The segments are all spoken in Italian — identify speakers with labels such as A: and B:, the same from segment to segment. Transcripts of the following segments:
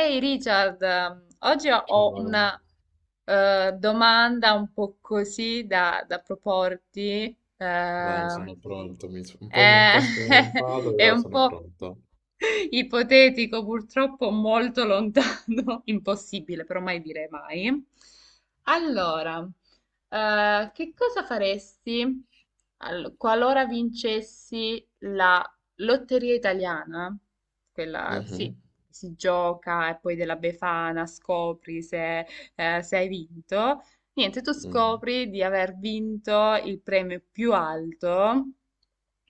A: Ehi Richard, oggi
B: Ciao,
A: ho
B: Laura.
A: una domanda un po' così da proporti.
B: Vai,
A: Vai.
B: sono pronto. Un po', un
A: eh,
B: po' spaventato,
A: è
B: però
A: un
B: sono
A: po'
B: pronto.
A: ipotetico, purtroppo molto lontano, impossibile, però mai dire mai. Allora, che cosa faresti qualora vincessi la lotteria italiana? Quella, sì,
B: Mhm,
A: si gioca e poi della Befana scopri se hai vinto. Niente, tu
B: mhm.
A: scopri di aver vinto il premio più alto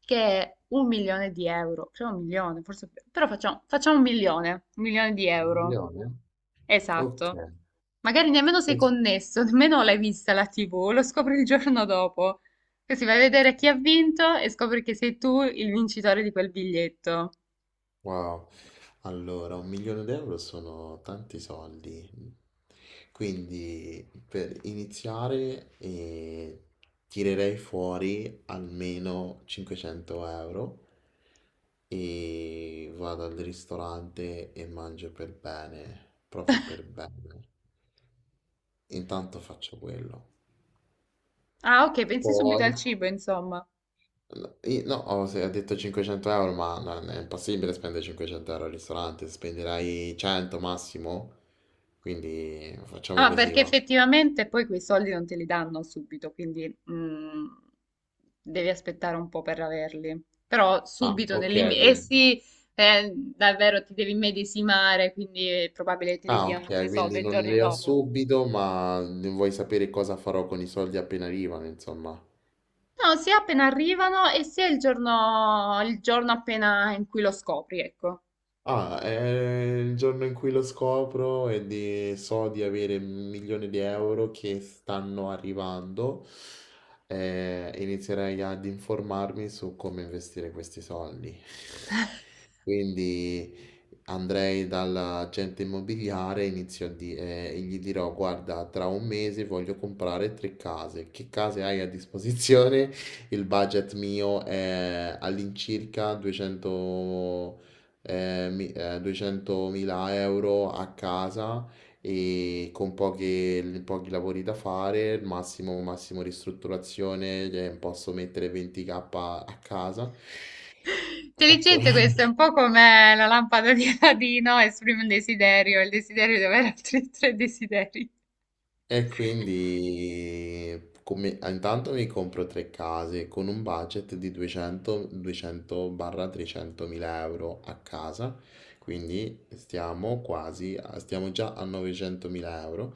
A: che è un milione di euro, cioè un milione, forse, però facciamo un milione di
B: Un
A: euro,
B: milione? Ok.
A: esatto. Magari nemmeno sei connesso, nemmeno l'hai vista la TV, lo scopri il giorno dopo. Così vai a vedere chi ha vinto e scopri che sei tu il vincitore di quel biglietto.
B: Wow, allora un milione d'euro sono tanti soldi, quindi per iniziare tirerei fuori almeno 500 euro e vado al ristorante e mangio per bene, proprio per bene. Intanto faccio quello.
A: Ah, ok, pensi subito
B: Poi
A: al cibo, insomma.
B: No, no, ho se- ho detto 500 euro, ma non è impossibile spendere 500 euro al ristorante, spenderai 100 massimo, quindi facciamo
A: Ah,
B: così,
A: perché
B: va.
A: effettivamente poi quei soldi non te li danno subito, quindi devi aspettare un po' per averli. Però
B: Ah,
A: subito nel
B: ok,
A: limite. Eh
B: quindi,
A: sì, davvero ti devi immedesimare, quindi è probabile che te li
B: ah,
A: diano, che
B: ok,
A: ne so,
B: quindi
A: due
B: non
A: giorni
B: le ho
A: dopo.
B: subito, ma vuoi sapere cosa farò con i soldi appena arrivano, insomma.
A: No, sia appena arrivano e sia il giorno appena in cui lo scopri, ecco.
B: È il giorno in cui lo scopro e so di avere un milione di euro che stanno arrivando, inizierei ad informarmi su come investire questi soldi. Quindi andrei dall'agente immobiliare e e gli dirò: "Guarda, tra un mese voglio comprare tre case. Che case hai a disposizione?" Il budget mio è all'incirca 200.000, 200.000 euro a casa e con pochi lavori da fare, massimo, massimo ristrutturazione, posso mettere 20k a casa. Faccio...
A: Intelligente questo, è un po' come la lampada di Aladino, esprime un desiderio, il desiderio di avere altri tre desideri.
B: E quindi intanto mi compro tre case con un budget di 200, 200-300.000 euro a casa, quindi stiamo già a 900.000 euro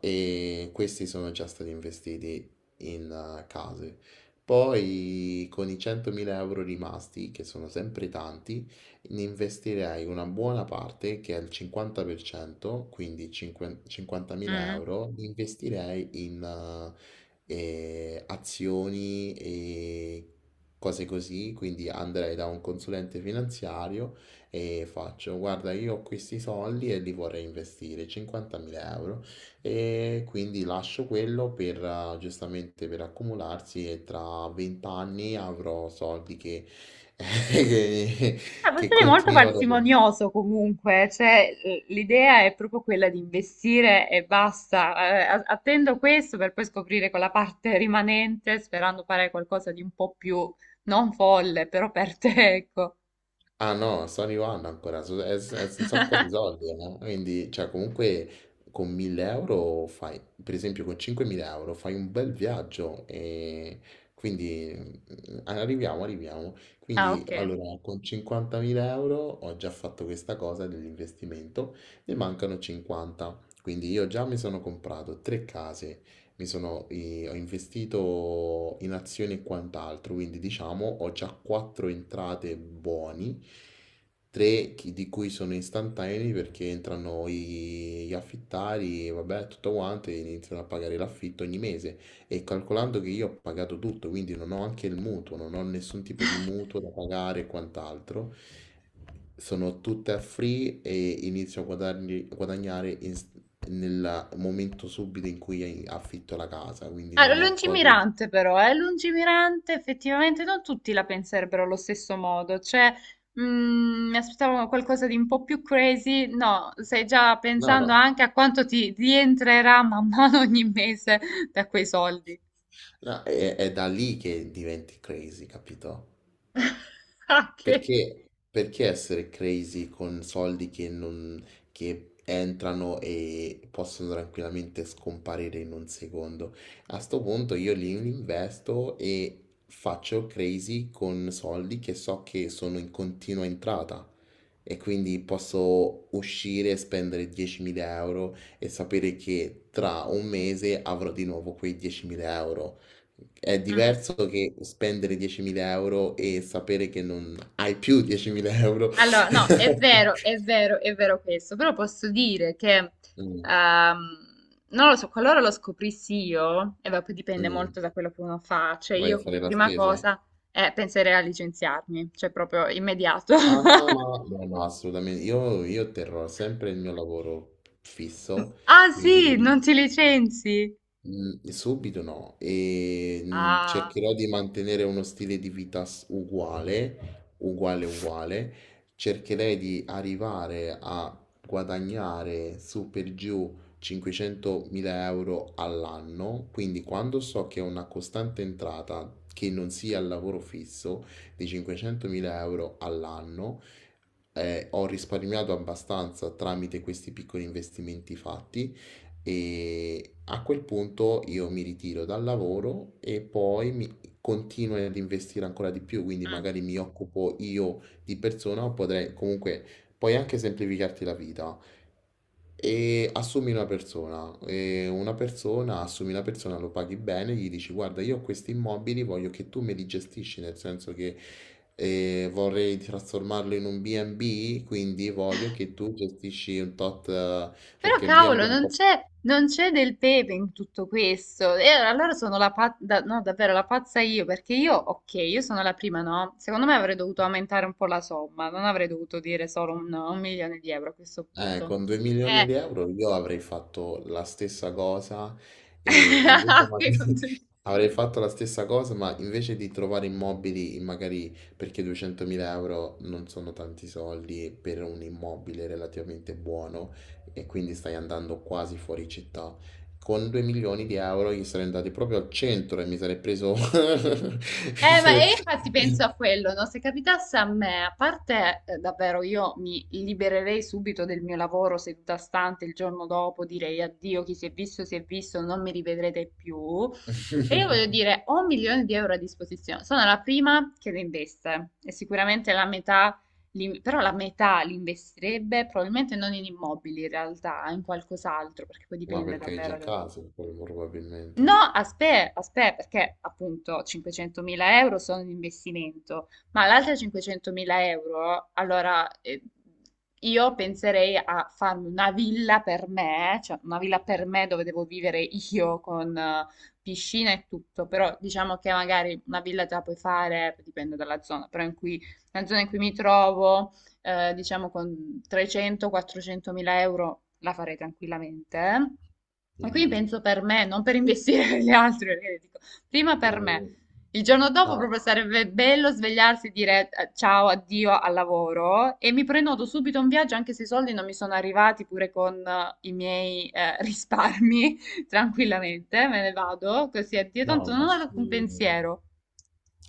B: e questi sono già stati investiti in case. Poi con i 100.000 euro rimasti, che sono sempre tanti, investirei una buona parte, che è il 50%, quindi 5 50.000
A: Mm.
B: euro, li investirei in azioni e cose così, quindi andrei da un consulente finanziario e faccio, guarda, io ho questi soldi e li vorrei investire, 50.000 euro, e quindi lascio quello per, giustamente per accumularsi e tra 20 anni avrò soldi che...
A: Ah, può
B: Che
A: essere molto
B: continuano ad avere.
A: parsimonioso comunque, cioè l'idea è proprio quella di investire e basta. Attendo questo per poi scoprire quella parte rimanente, sperando fare qualcosa di un po' più non folle, però per te, ecco.
B: Ah no, Sony One ancora, è senza un sacco di soldi, no? Quindi, cioè, comunque con 1000 euro fai, per esempio con 5.000 euro fai un bel viaggio e quindi arriviamo.
A: Ah,
B: Quindi,
A: ok.
B: allora, con 50.000 euro ho già fatto questa cosa dell'investimento, ne mancano 50. Quindi io già mi sono comprato tre case, mi sono, ho investito in azioni e quant'altro, quindi diciamo ho già quattro entrate buoni, di cui sono istantanei perché entrano gli affittari, vabbè, tutto quanto e iniziano a pagare l'affitto ogni mese e calcolando che io ho pagato tutto, quindi non ho anche il mutuo, non ho nessun tipo di mutuo da pagare e quant'altro. Sono tutte a free e inizio a guadagnare nel momento subito in cui affitto la casa, quindi
A: Ah,
B: non ho cose...
A: lungimirante però, eh? Lungimirante, effettivamente non tutti la penserebbero allo stesso modo, cioè mi aspettavo qualcosa di un po' più crazy, no, stai già
B: No, no,
A: pensando anche a quanto ti rientrerà man mano ogni mese da quei soldi.
B: no, è da lì che diventi crazy, capito?
A: Ah, che...
B: Perché, perché essere crazy con soldi che, non, che entrano e possono tranquillamente scomparire in un secondo? A sto punto io li investo e faccio crazy con soldi che so che sono in continua entrata e quindi posso uscire e spendere 10.000 euro e sapere che tra un mese avrò di nuovo quei 10.000 euro. È
A: Mm.
B: diverso che spendere 10.000 euro e sapere che non hai più 10.000 euro?
A: Allora, no, è vero, è vero, è vero questo, però posso dire che,
B: Mm,
A: ehm, non lo so, qualora lo scoprissi io, e vabbè, poi dipende
B: mm.
A: molto da quello che uno fa, cioè
B: Vai a
A: io
B: fare
A: come
B: la
A: prima
B: spesa?
A: cosa penserei a licenziarmi, cioè proprio immediato.
B: Ah no, ma no, no, assolutamente. Io terrò sempre il mio lavoro fisso,
A: Ah
B: quindi
A: sì,
B: non,
A: non ti licenzi?
B: Subito no, e
A: Ah,
B: cercherò di mantenere uno stile di vita uguale, uguale, uguale. Cercherei di arrivare a guadagnare su per giù 500.000 euro all'anno, quindi quando so che ho una costante entrata che non sia il lavoro fisso di 500.000 euro all'anno, ho risparmiato abbastanza tramite questi piccoli investimenti fatti e a quel punto io mi ritiro dal lavoro e poi mi continuo ad investire ancora di più, quindi
A: mm.
B: magari mi occupo io di persona o potrei comunque puoi anche semplificarti la vita. E assumi una persona, assumi una persona, lo paghi bene, gli dici guarda, io ho questi immobili, voglio che tu me li gestisci, nel senso che vorrei trasformarlo in un B&B, quindi voglio che tu gestisci un tot,
A: Però
B: perché il B&B
A: cavolo,
B: è un
A: non
B: po'.
A: c'è non c'è del pepe in tutto questo. E allora sono la pazza, no, davvero la pazza io, perché io, ok, io sono la prima, no? Secondo me avrei dovuto aumentare un po' la somma, non avrei dovuto dire solo un, no, un milione di euro a questo punto.
B: Con 2 milioni
A: Eh,
B: di euro io avrei fatto la stessa cosa e invece
A: ok,
B: magari avrei fatto la stessa cosa, ma invece di trovare immobili, magari perché 200.000 euro non sono tanti soldi per un immobile relativamente buono e quindi stai andando quasi fuori città. Con 2 milioni di euro io sarei andato proprio al centro e mi sarei preso...
A: Ma e infatti penso a quello, no? Se capitasse a me, a parte davvero io mi libererei subito del mio lavoro seduta stante il giorno dopo, direi addio, chi si è visto, non mi rivedrete più. E io voglio dire, ho un milione di euro a disposizione, sono la prima che le investe e sicuramente la metà, però la metà li investirebbe probabilmente non in immobili in realtà, in qualcos'altro, perché poi
B: Ma
A: dipende
B: perché hai già
A: davvero.
B: casa,
A: No,
B: probabilmente.
A: aspetta, aspetta, perché appunto 500.000 euro sono un investimento, ma l'altra 500.000 euro, allora io penserei a farmi una villa per me, cioè una villa per me dove devo vivere io con piscina e tutto, però diciamo che magari una villa te la puoi fare, dipende dalla zona, però in cui, la zona in cui mi trovo diciamo con 300-400 mila euro la farei tranquillamente. E quindi
B: Mhm.
A: penso per me, non per investire per gli altri, perché dico, prima per me.
B: Mm.
A: Il giorno dopo
B: Ah,
A: proprio sarebbe bello svegliarsi e dire ciao, addio al lavoro e mi prenoto subito un viaggio anche se i soldi non mi sono arrivati pure con i miei risparmi, tranquillamente, me ne vado, così addio,
B: no,
A: tanto
B: ma
A: non ho un
B: sì.
A: pensiero.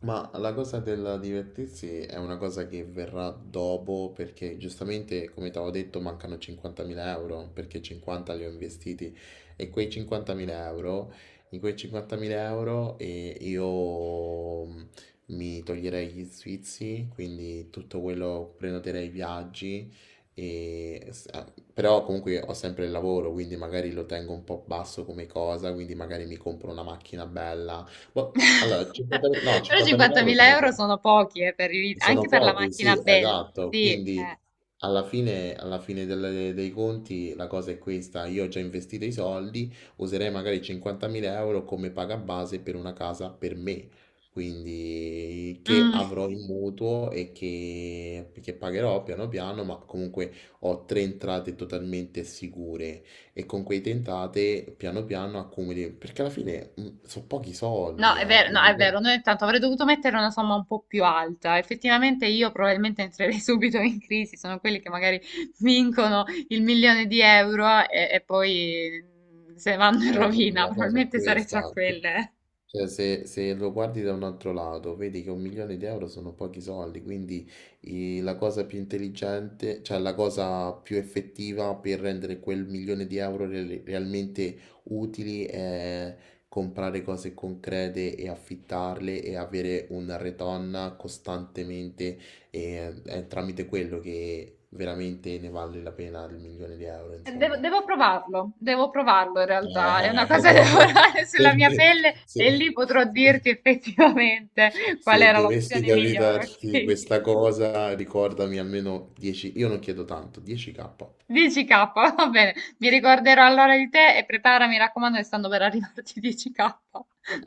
B: Ma la cosa del divertirsi è una cosa che verrà dopo perché giustamente, come ti avevo detto, mancano 50.000 euro perché 50 li ho investiti e quei 50.000 euro io mi toglierei gli sfizi, quindi tutto quello prenoterei i viaggi, e, s- ah, però comunque ho sempre il lavoro, quindi magari lo tengo un po' basso come cosa, quindi magari mi compro una macchina bella ma allora 50 no,
A: Però
B: 50.000 euro €
A: 50.000
B: sono
A: euro
B: pochi.
A: sono pochi, anche
B: Sono
A: per la
B: pochi,
A: macchina
B: sì,
A: bella.
B: esatto.
A: Sì,
B: Quindi
A: eh.
B: alla fine, dei conti la cosa è questa. Io ho già investito i soldi, userei magari 50.000 euro come paga base per una casa per me. Quindi che
A: Mm,
B: avrò in mutuo e che pagherò piano piano, ma comunque ho tre entrate totalmente sicure e con quei tentate piano piano accumuli, perché alla fine sono pochi
A: no,
B: soldi,
A: è
B: eh.
A: vero, no, è vero, noi intanto avrei dovuto mettere una somma un po' più alta. Effettivamente io probabilmente entrerei subito in crisi, sono quelli che magari vincono il milione di euro e poi se vanno in
B: Eh,
A: rovina,
B: la cosa è
A: probabilmente sarei tra
B: questa.
A: quelle.
B: Cioè, se, se lo guardi da un altro lato, vedi che un milione di euro sono pochi soldi, quindi la cosa più intelligente, cioè la cosa più effettiva per rendere quel milione di euro realmente utili è comprare cose concrete e affittarle e avere una retorn costantemente e è tramite quello che veramente ne vale la pena il milione di euro,
A: Devo,
B: insomma.
A: devo provarlo, devo provarlo in realtà, è una cosa da
B: Eh,
A: lavorare sulla mia pelle
B: se-
A: e
B: se-
A: lì potrò dirti effettivamente qual
B: Se
A: era
B: dovessi
A: l'opzione migliore,
B: capitarti
A: ok?
B: questa cosa, ricordami almeno 10, io non chiedo tanto, 10k.
A: 10k, va bene, mi ricorderò allora di te e prepara, mi raccomando, che stanno per arrivarti 10k,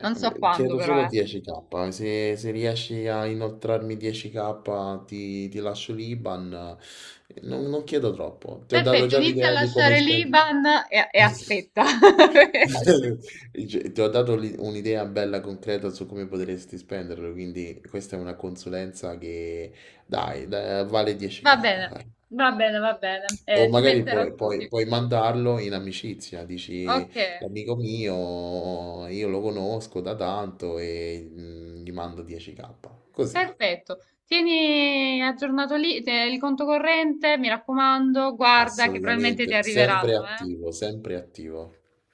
A: non so quando
B: Chiedo
A: però,
B: solo
A: eh.
B: 10k, se, se riesci a inoltrarmi 10k ti, ti lascio l'IBAN. Non, non chiedo troppo, ti ho dato
A: Perfetto,
B: già
A: inizia a
B: l'idea di come
A: lasciare
B: spendere.
A: l'IBAN e aspetta.
B: Cioè, ti ho dato un'idea bella concreta su come potresti spenderlo, quindi questa è una consulenza che vale 10k.
A: Va bene, va bene, va bene,
B: O
A: eh, ci
B: magari
A: penserò
B: puoi,
A: tutti.
B: puoi mandarlo in amicizia, dici
A: Ok.
B: l'amico mio, io lo conosco da tanto e gli mando 10k. Così,
A: Perfetto, tieni aggiornato lì, il conto corrente, mi raccomando, guarda che probabilmente ti
B: assolutamente,
A: arriveranno,
B: sempre
A: eh.
B: attivo, sempre attivo.